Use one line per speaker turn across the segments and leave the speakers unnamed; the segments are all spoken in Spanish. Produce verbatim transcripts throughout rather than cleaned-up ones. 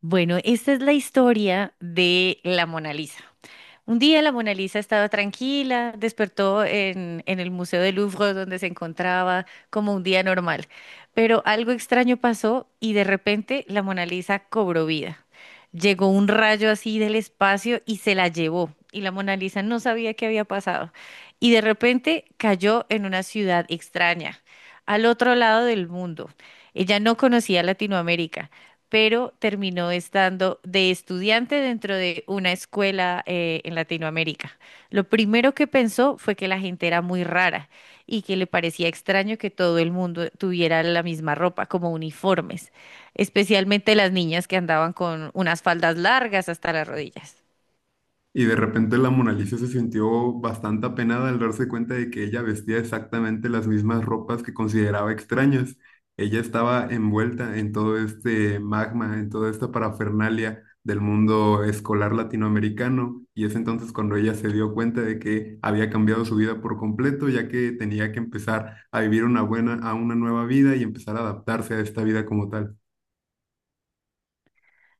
Bueno, esta es la historia de la Mona Lisa. Un día la Mona Lisa estaba tranquila, despertó en, en el Museo del Louvre donde se encontraba como un día normal, pero algo extraño pasó y de repente la Mona Lisa cobró vida. Llegó un rayo así del espacio y se la llevó, y la Mona Lisa no sabía qué había pasado y de repente cayó en una ciudad extraña, al otro lado del mundo. Ella no conocía Latinoamérica, pero terminó estando de estudiante dentro de una escuela eh, en Latinoamérica. Lo primero que pensó fue que la gente era muy rara y que le parecía extraño que todo el mundo tuviera la misma ropa, como uniformes, especialmente las niñas que andaban con unas faldas largas hasta las rodillas.
Y de repente la Mona Lisa se sintió bastante apenada al darse cuenta de que ella vestía exactamente las mismas ropas que consideraba extrañas. Ella estaba envuelta en todo este magma, en toda esta parafernalia del mundo escolar latinoamericano, y es entonces cuando ella se dio cuenta de que había cambiado su vida por completo, ya que tenía que empezar a vivir una buena, a una nueva vida y empezar a adaptarse a esta vida como tal.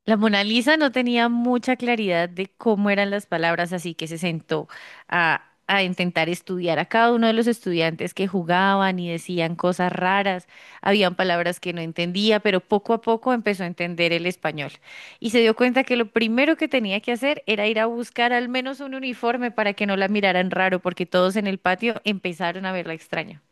La Mona Lisa no tenía mucha claridad de cómo eran las palabras, así que se sentó a, a intentar estudiar a cada uno de los estudiantes que jugaban y decían cosas raras. Habían palabras que no entendía, pero poco a poco empezó a entender el español. Y se dio cuenta que lo primero que tenía que hacer era ir a buscar al menos un uniforme para que no la miraran raro, porque todos en el patio empezaron a verla extraña.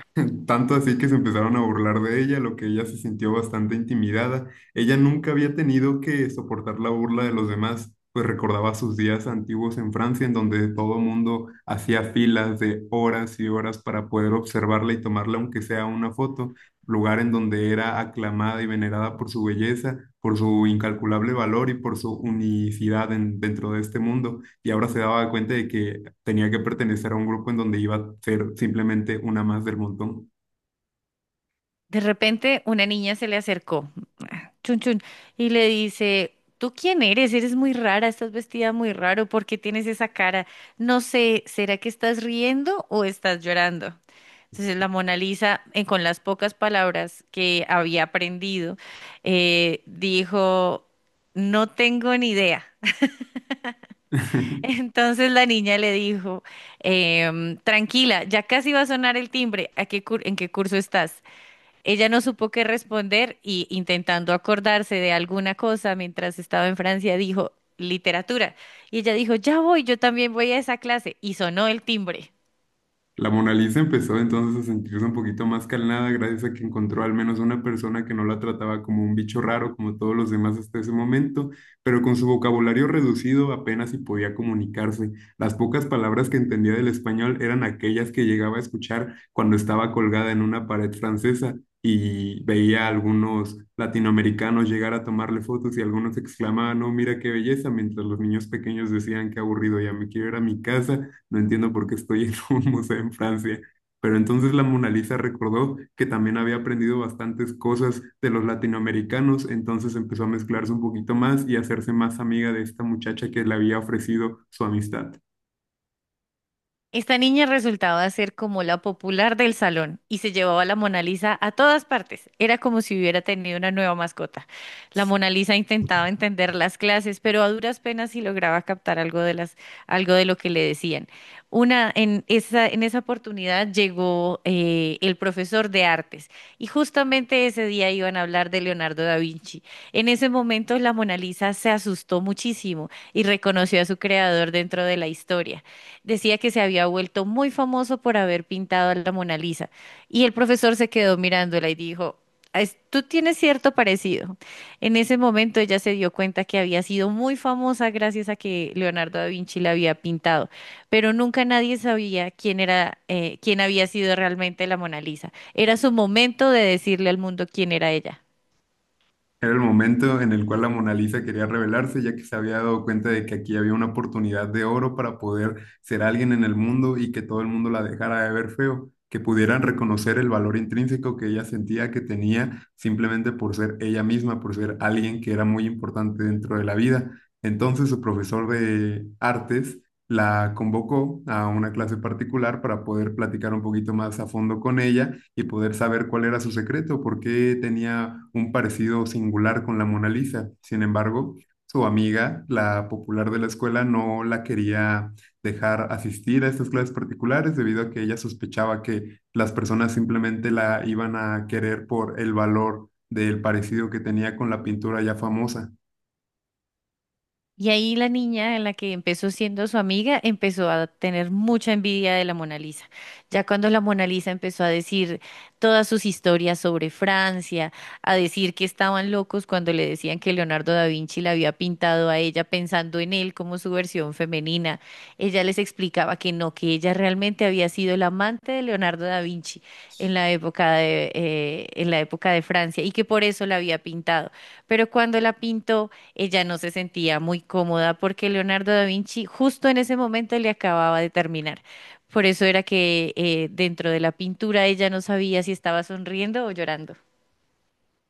Tanto así que se empezaron a burlar de ella, lo que ella se sintió bastante intimidada. Ella nunca había tenido que soportar la burla de los demás, pues recordaba sus días antiguos en Francia, en donde todo mundo hacía filas de horas y horas para poder observarla y tomarla, aunque sea una foto, lugar en donde era aclamada y venerada por su belleza, por su incalculable valor y por su unicidad en- dentro de este mundo. Y ahora se daba cuenta de que tenía que pertenecer a un grupo en donde iba a ser simplemente una más del montón.
De repente, una niña se le acercó. Chun Chun, y le dice, ¿tú quién eres? Eres muy rara, estás vestida muy raro, ¿por qué tienes esa cara? No sé, ¿será que estás riendo o estás llorando? Entonces la Mona Lisa, eh, con las pocas palabras que había aprendido, eh, dijo, no tengo ni idea. Entonces la niña le dijo, em, tranquila, ya casi va a sonar el timbre, ¿a qué cur- en qué curso estás? Ella no supo qué responder y, intentando acordarse de alguna cosa mientras estaba en Francia, dijo, literatura. Y ella dijo, ya voy, yo también voy a esa clase. Y sonó el timbre.
La Mona Lisa empezó entonces a sentirse un poquito más calmada gracias a que encontró al menos una persona que no la trataba como un bicho raro como todos los demás hasta ese momento, pero con su vocabulario reducido apenas si podía comunicarse. Las pocas palabras que entendía del español eran aquellas que llegaba a escuchar cuando estaba colgada en una pared francesa y veía a algunos latinoamericanos llegar a tomarle fotos, y algunos exclamaban: "No, mira qué belleza", mientras los niños pequeños decían: "Qué aburrido, ya me quiero ir a mi casa, no entiendo por qué estoy en un museo en Francia". Pero entonces la Mona Lisa recordó que también había aprendido bastantes cosas de los latinoamericanos, entonces empezó a mezclarse un poquito más y a hacerse más amiga de esta muchacha que le había ofrecido su amistad.
Esta niña resultaba ser como la popular del salón y se llevaba la Mona Lisa a todas partes. Era como si hubiera tenido una nueva mascota. La Mona Lisa intentaba entender las clases, pero a duras penas sí lograba captar algo de las, algo de lo que le decían. Una, en esa, en esa oportunidad llegó eh, el profesor de artes y justamente ese día iban a hablar de Leonardo da Vinci. En ese momento la Mona Lisa se asustó muchísimo y reconoció a su creador dentro de la historia. Decía que se había vuelto muy famoso por haber pintado a la Mona Lisa. Y el profesor se quedó mirándola y dijo, "Es- tú tienes cierto parecido." En ese momento ella se dio cuenta que había sido muy famosa gracias a que Leonardo da Vinci la había pintado, pero nunca nadie sabía quién era, eh, quién había sido realmente la Mona Lisa. Era su momento de decirle al mundo quién era ella.
Era el momento en el cual la Mona Lisa quería rebelarse, ya que se había dado cuenta de que aquí había una oportunidad de oro para poder ser alguien en el mundo y que todo el mundo la dejara de ver feo, que pudieran reconocer el valor intrínseco que ella sentía que tenía, simplemente por ser ella misma, por ser alguien que era muy importante dentro de la vida. Entonces su profesor de artes la convocó a una clase particular para poder platicar un poquito más a fondo con ella y poder saber cuál era su secreto, por qué tenía un parecido singular con la Mona Lisa. Sin embargo, su amiga, la popular de la escuela, no la quería dejar asistir a estas clases particulares debido a que ella sospechaba que las personas simplemente la iban a querer por el valor del parecido que tenía con la pintura ya famosa.
Y ahí la niña, en la que empezó siendo su amiga, empezó a tener mucha envidia de la Mona Lisa. Ya cuando la Mona Lisa empezó a decir todas sus historias sobre Francia, a decir que estaban locos cuando le decían que Leonardo da Vinci la había pintado a ella pensando en él como su versión femenina, ella les explicaba que no, que ella realmente había sido la amante de Leonardo da Vinci en la época de, eh, en la época de Francia, y que por eso la había pintado. Pero cuando la pintó, ella no se sentía muy cómoda porque Leonardo da Vinci justo en ese momento le acababa de terminar. Por eso era que, eh, dentro de la pintura, ella no sabía si estaba sonriendo o llorando.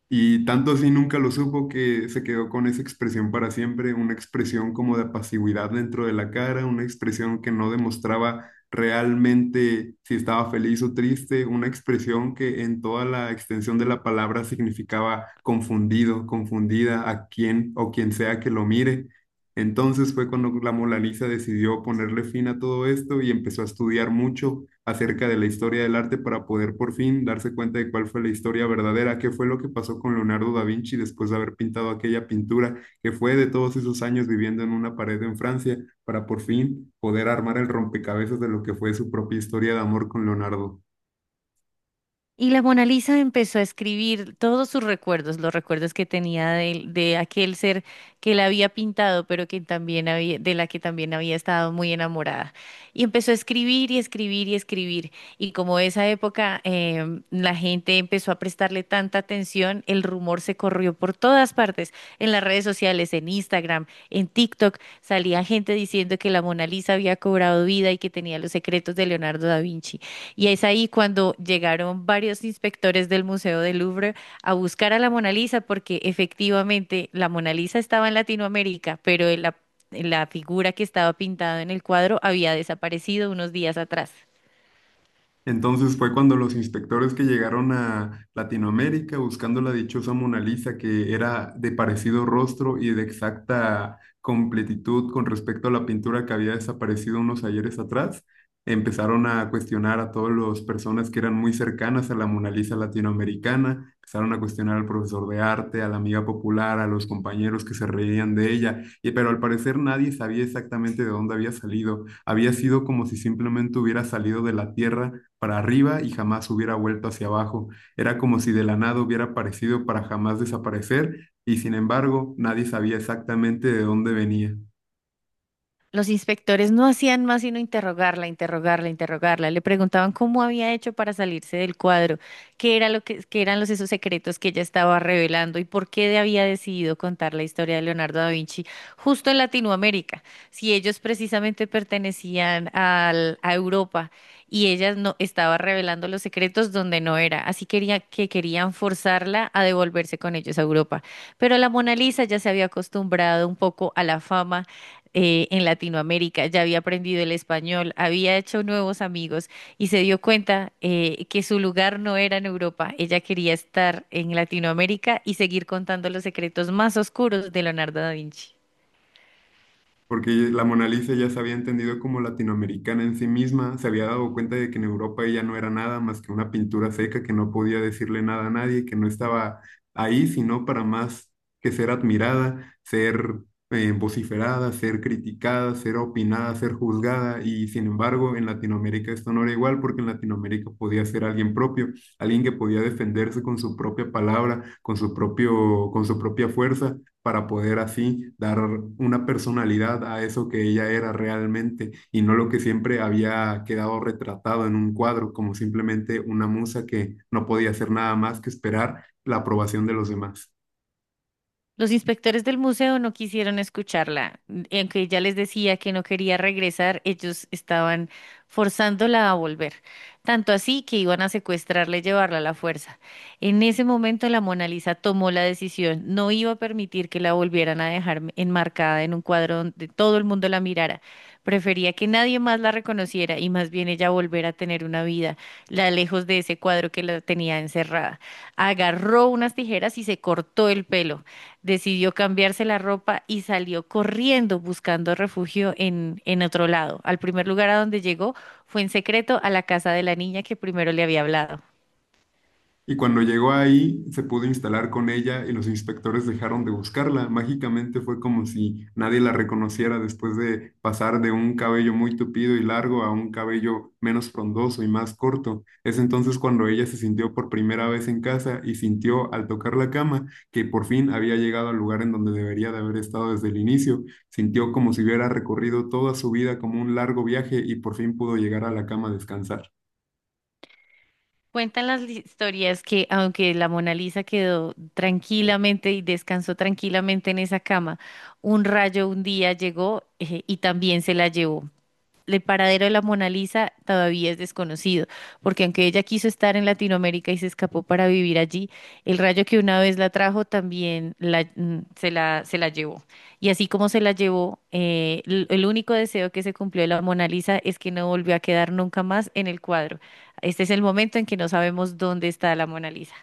Y tanto así nunca lo supo, que se quedó con esa expresión para siempre, una expresión como de pasividad dentro de la cara, una expresión que no demostraba realmente si estaba feliz o triste, una expresión que en toda la extensión de la palabra significaba confundido, confundida a quien o quien sea que lo mire. Entonces fue cuando la Mona Lisa decidió ponerle fin a todo esto y empezó a estudiar mucho acerca de la historia del arte para poder por fin darse cuenta de cuál fue la historia verdadera, qué fue lo que pasó con Leonardo da Vinci después de haber pintado aquella pintura, que fue de todos esos años viviendo en una pared en Francia, para por fin poder armar el rompecabezas de lo que fue su propia historia de amor con Leonardo.
Y la Mona Lisa empezó a escribir todos sus recuerdos, los recuerdos que tenía de, de aquel ser que la había pintado, pero que también había, de la que también había estado muy enamorada. Y empezó a escribir y escribir y escribir. Y como esa época, em, la gente empezó a prestarle tanta atención, el rumor se corrió por todas partes, en las redes sociales, en Instagram, en TikTok, salía gente diciendo que la Mona Lisa había cobrado vida y que tenía los secretos de Leonardo da Vinci. Y es ahí cuando llegaron varios inspectores del Museo del Louvre a buscar a la Mona Lisa, porque efectivamente la Mona Lisa estaba en Latinoamérica, pero la, la figura que estaba pintada en el cuadro había desaparecido unos días atrás.
Entonces fue cuando los inspectores que llegaron a Latinoamérica buscando la dichosa Mona Lisa, que era de parecido rostro y de exacta completitud con respecto a la pintura que había desaparecido unos ayeres atrás, empezaron a cuestionar a todas las personas que eran muy cercanas a la Mona Lisa latinoamericana. Empezaron a cuestionar al profesor de arte, a la amiga popular, a los compañeros que se reían de ella, y, pero al parecer nadie sabía exactamente de dónde había salido. Había sido como si simplemente hubiera salido de la tierra para arriba y jamás hubiera vuelto hacia abajo. Era como si de la nada hubiera aparecido para jamás desaparecer, y sin embargo nadie sabía exactamente de dónde venía.
Los inspectores no hacían más sino interrogarla, interrogarla, interrogarla. Le preguntaban cómo había hecho para salirse del cuadro, qué era lo que, qué eran los esos secretos que ella estaba revelando y por qué había decidido contar la historia de Leonardo da Vinci justo en Latinoamérica, si ellos precisamente pertenecían al- a Europa y ella no estaba revelando los secretos donde no era. Así quería que querían forzarla a devolverse con ellos a Europa. Pero la Mona Lisa ya se había acostumbrado un poco a la fama eh, en Latinoamérica, ya había aprendido el español, había hecho nuevos amigos y se dio cuenta, eh, que su lugar no era en Europa. Ella quería estar en Latinoamérica y seguir contando los secretos más oscuros de Leonardo da Vinci.
Porque la Mona Lisa ya se había entendido como latinoamericana en sí misma, se había dado cuenta de que en Europa ella no era nada más que una pintura seca que no podía decirle nada a nadie, que no estaba ahí sino para más que ser admirada, ser eh, vociferada, ser criticada, ser opinada, ser juzgada, y sin embargo en Latinoamérica esto no era igual, porque en Latinoamérica podía ser alguien propio, alguien que podía defenderse con su propia palabra, con su propio, con su propia fuerza, para poder así dar una personalidad a eso que ella era realmente y no lo que siempre había quedado retratado en un cuadro, como simplemente una musa que no podía hacer nada más que esperar la aprobación de los demás.
Los inspectores del museo no quisieron escucharla, y aunque ella les decía que no quería regresar, ellos estaban forzándola a volver, tanto así que iban a secuestrarla y llevarla a la fuerza. En ese momento la Mona Lisa tomó la decisión, no iba a permitir que la volvieran a dejar enmarcada en un cuadro donde todo el mundo la mirara. Prefería que nadie más la reconociera y más bien ella volver a tener una vida, la lejos de ese cuadro que la tenía encerrada. Agarró unas tijeras y se cortó el pelo, decidió cambiarse la ropa y salió corriendo buscando refugio en, en otro lado. Al primer lugar a donde llegó fue, en secreto, a la casa de la niña que primero le había hablado.
Y cuando llegó ahí, se pudo instalar con ella y los inspectores dejaron de buscarla. Mágicamente fue como si nadie la reconociera, después de pasar de un cabello muy tupido y largo a un cabello menos frondoso y más corto. Es entonces cuando ella se sintió por primera vez en casa y sintió al tocar la cama que por fin había llegado al lugar en donde debería de haber estado desde el inicio. Sintió como si hubiera recorrido toda su vida como un largo viaje y por fin pudo llegar a la cama a descansar.
Cuentan las li- historias que, aunque la Mona Lisa quedó tranquilamente y descansó tranquilamente en esa cama, un rayo un día llegó, eh, y también se la llevó. El paradero de la Mona Lisa todavía es desconocido, porque aunque ella quiso estar en Latinoamérica y se escapó para vivir allí, el rayo que una vez la trajo también la- mm, se la, se la llevó. Y así como se la llevó, eh, l- el único deseo que se cumplió de la Mona Lisa es que no volvió a quedar nunca más en el cuadro. Este es el momento en que no sabemos dónde está la Mona Lisa.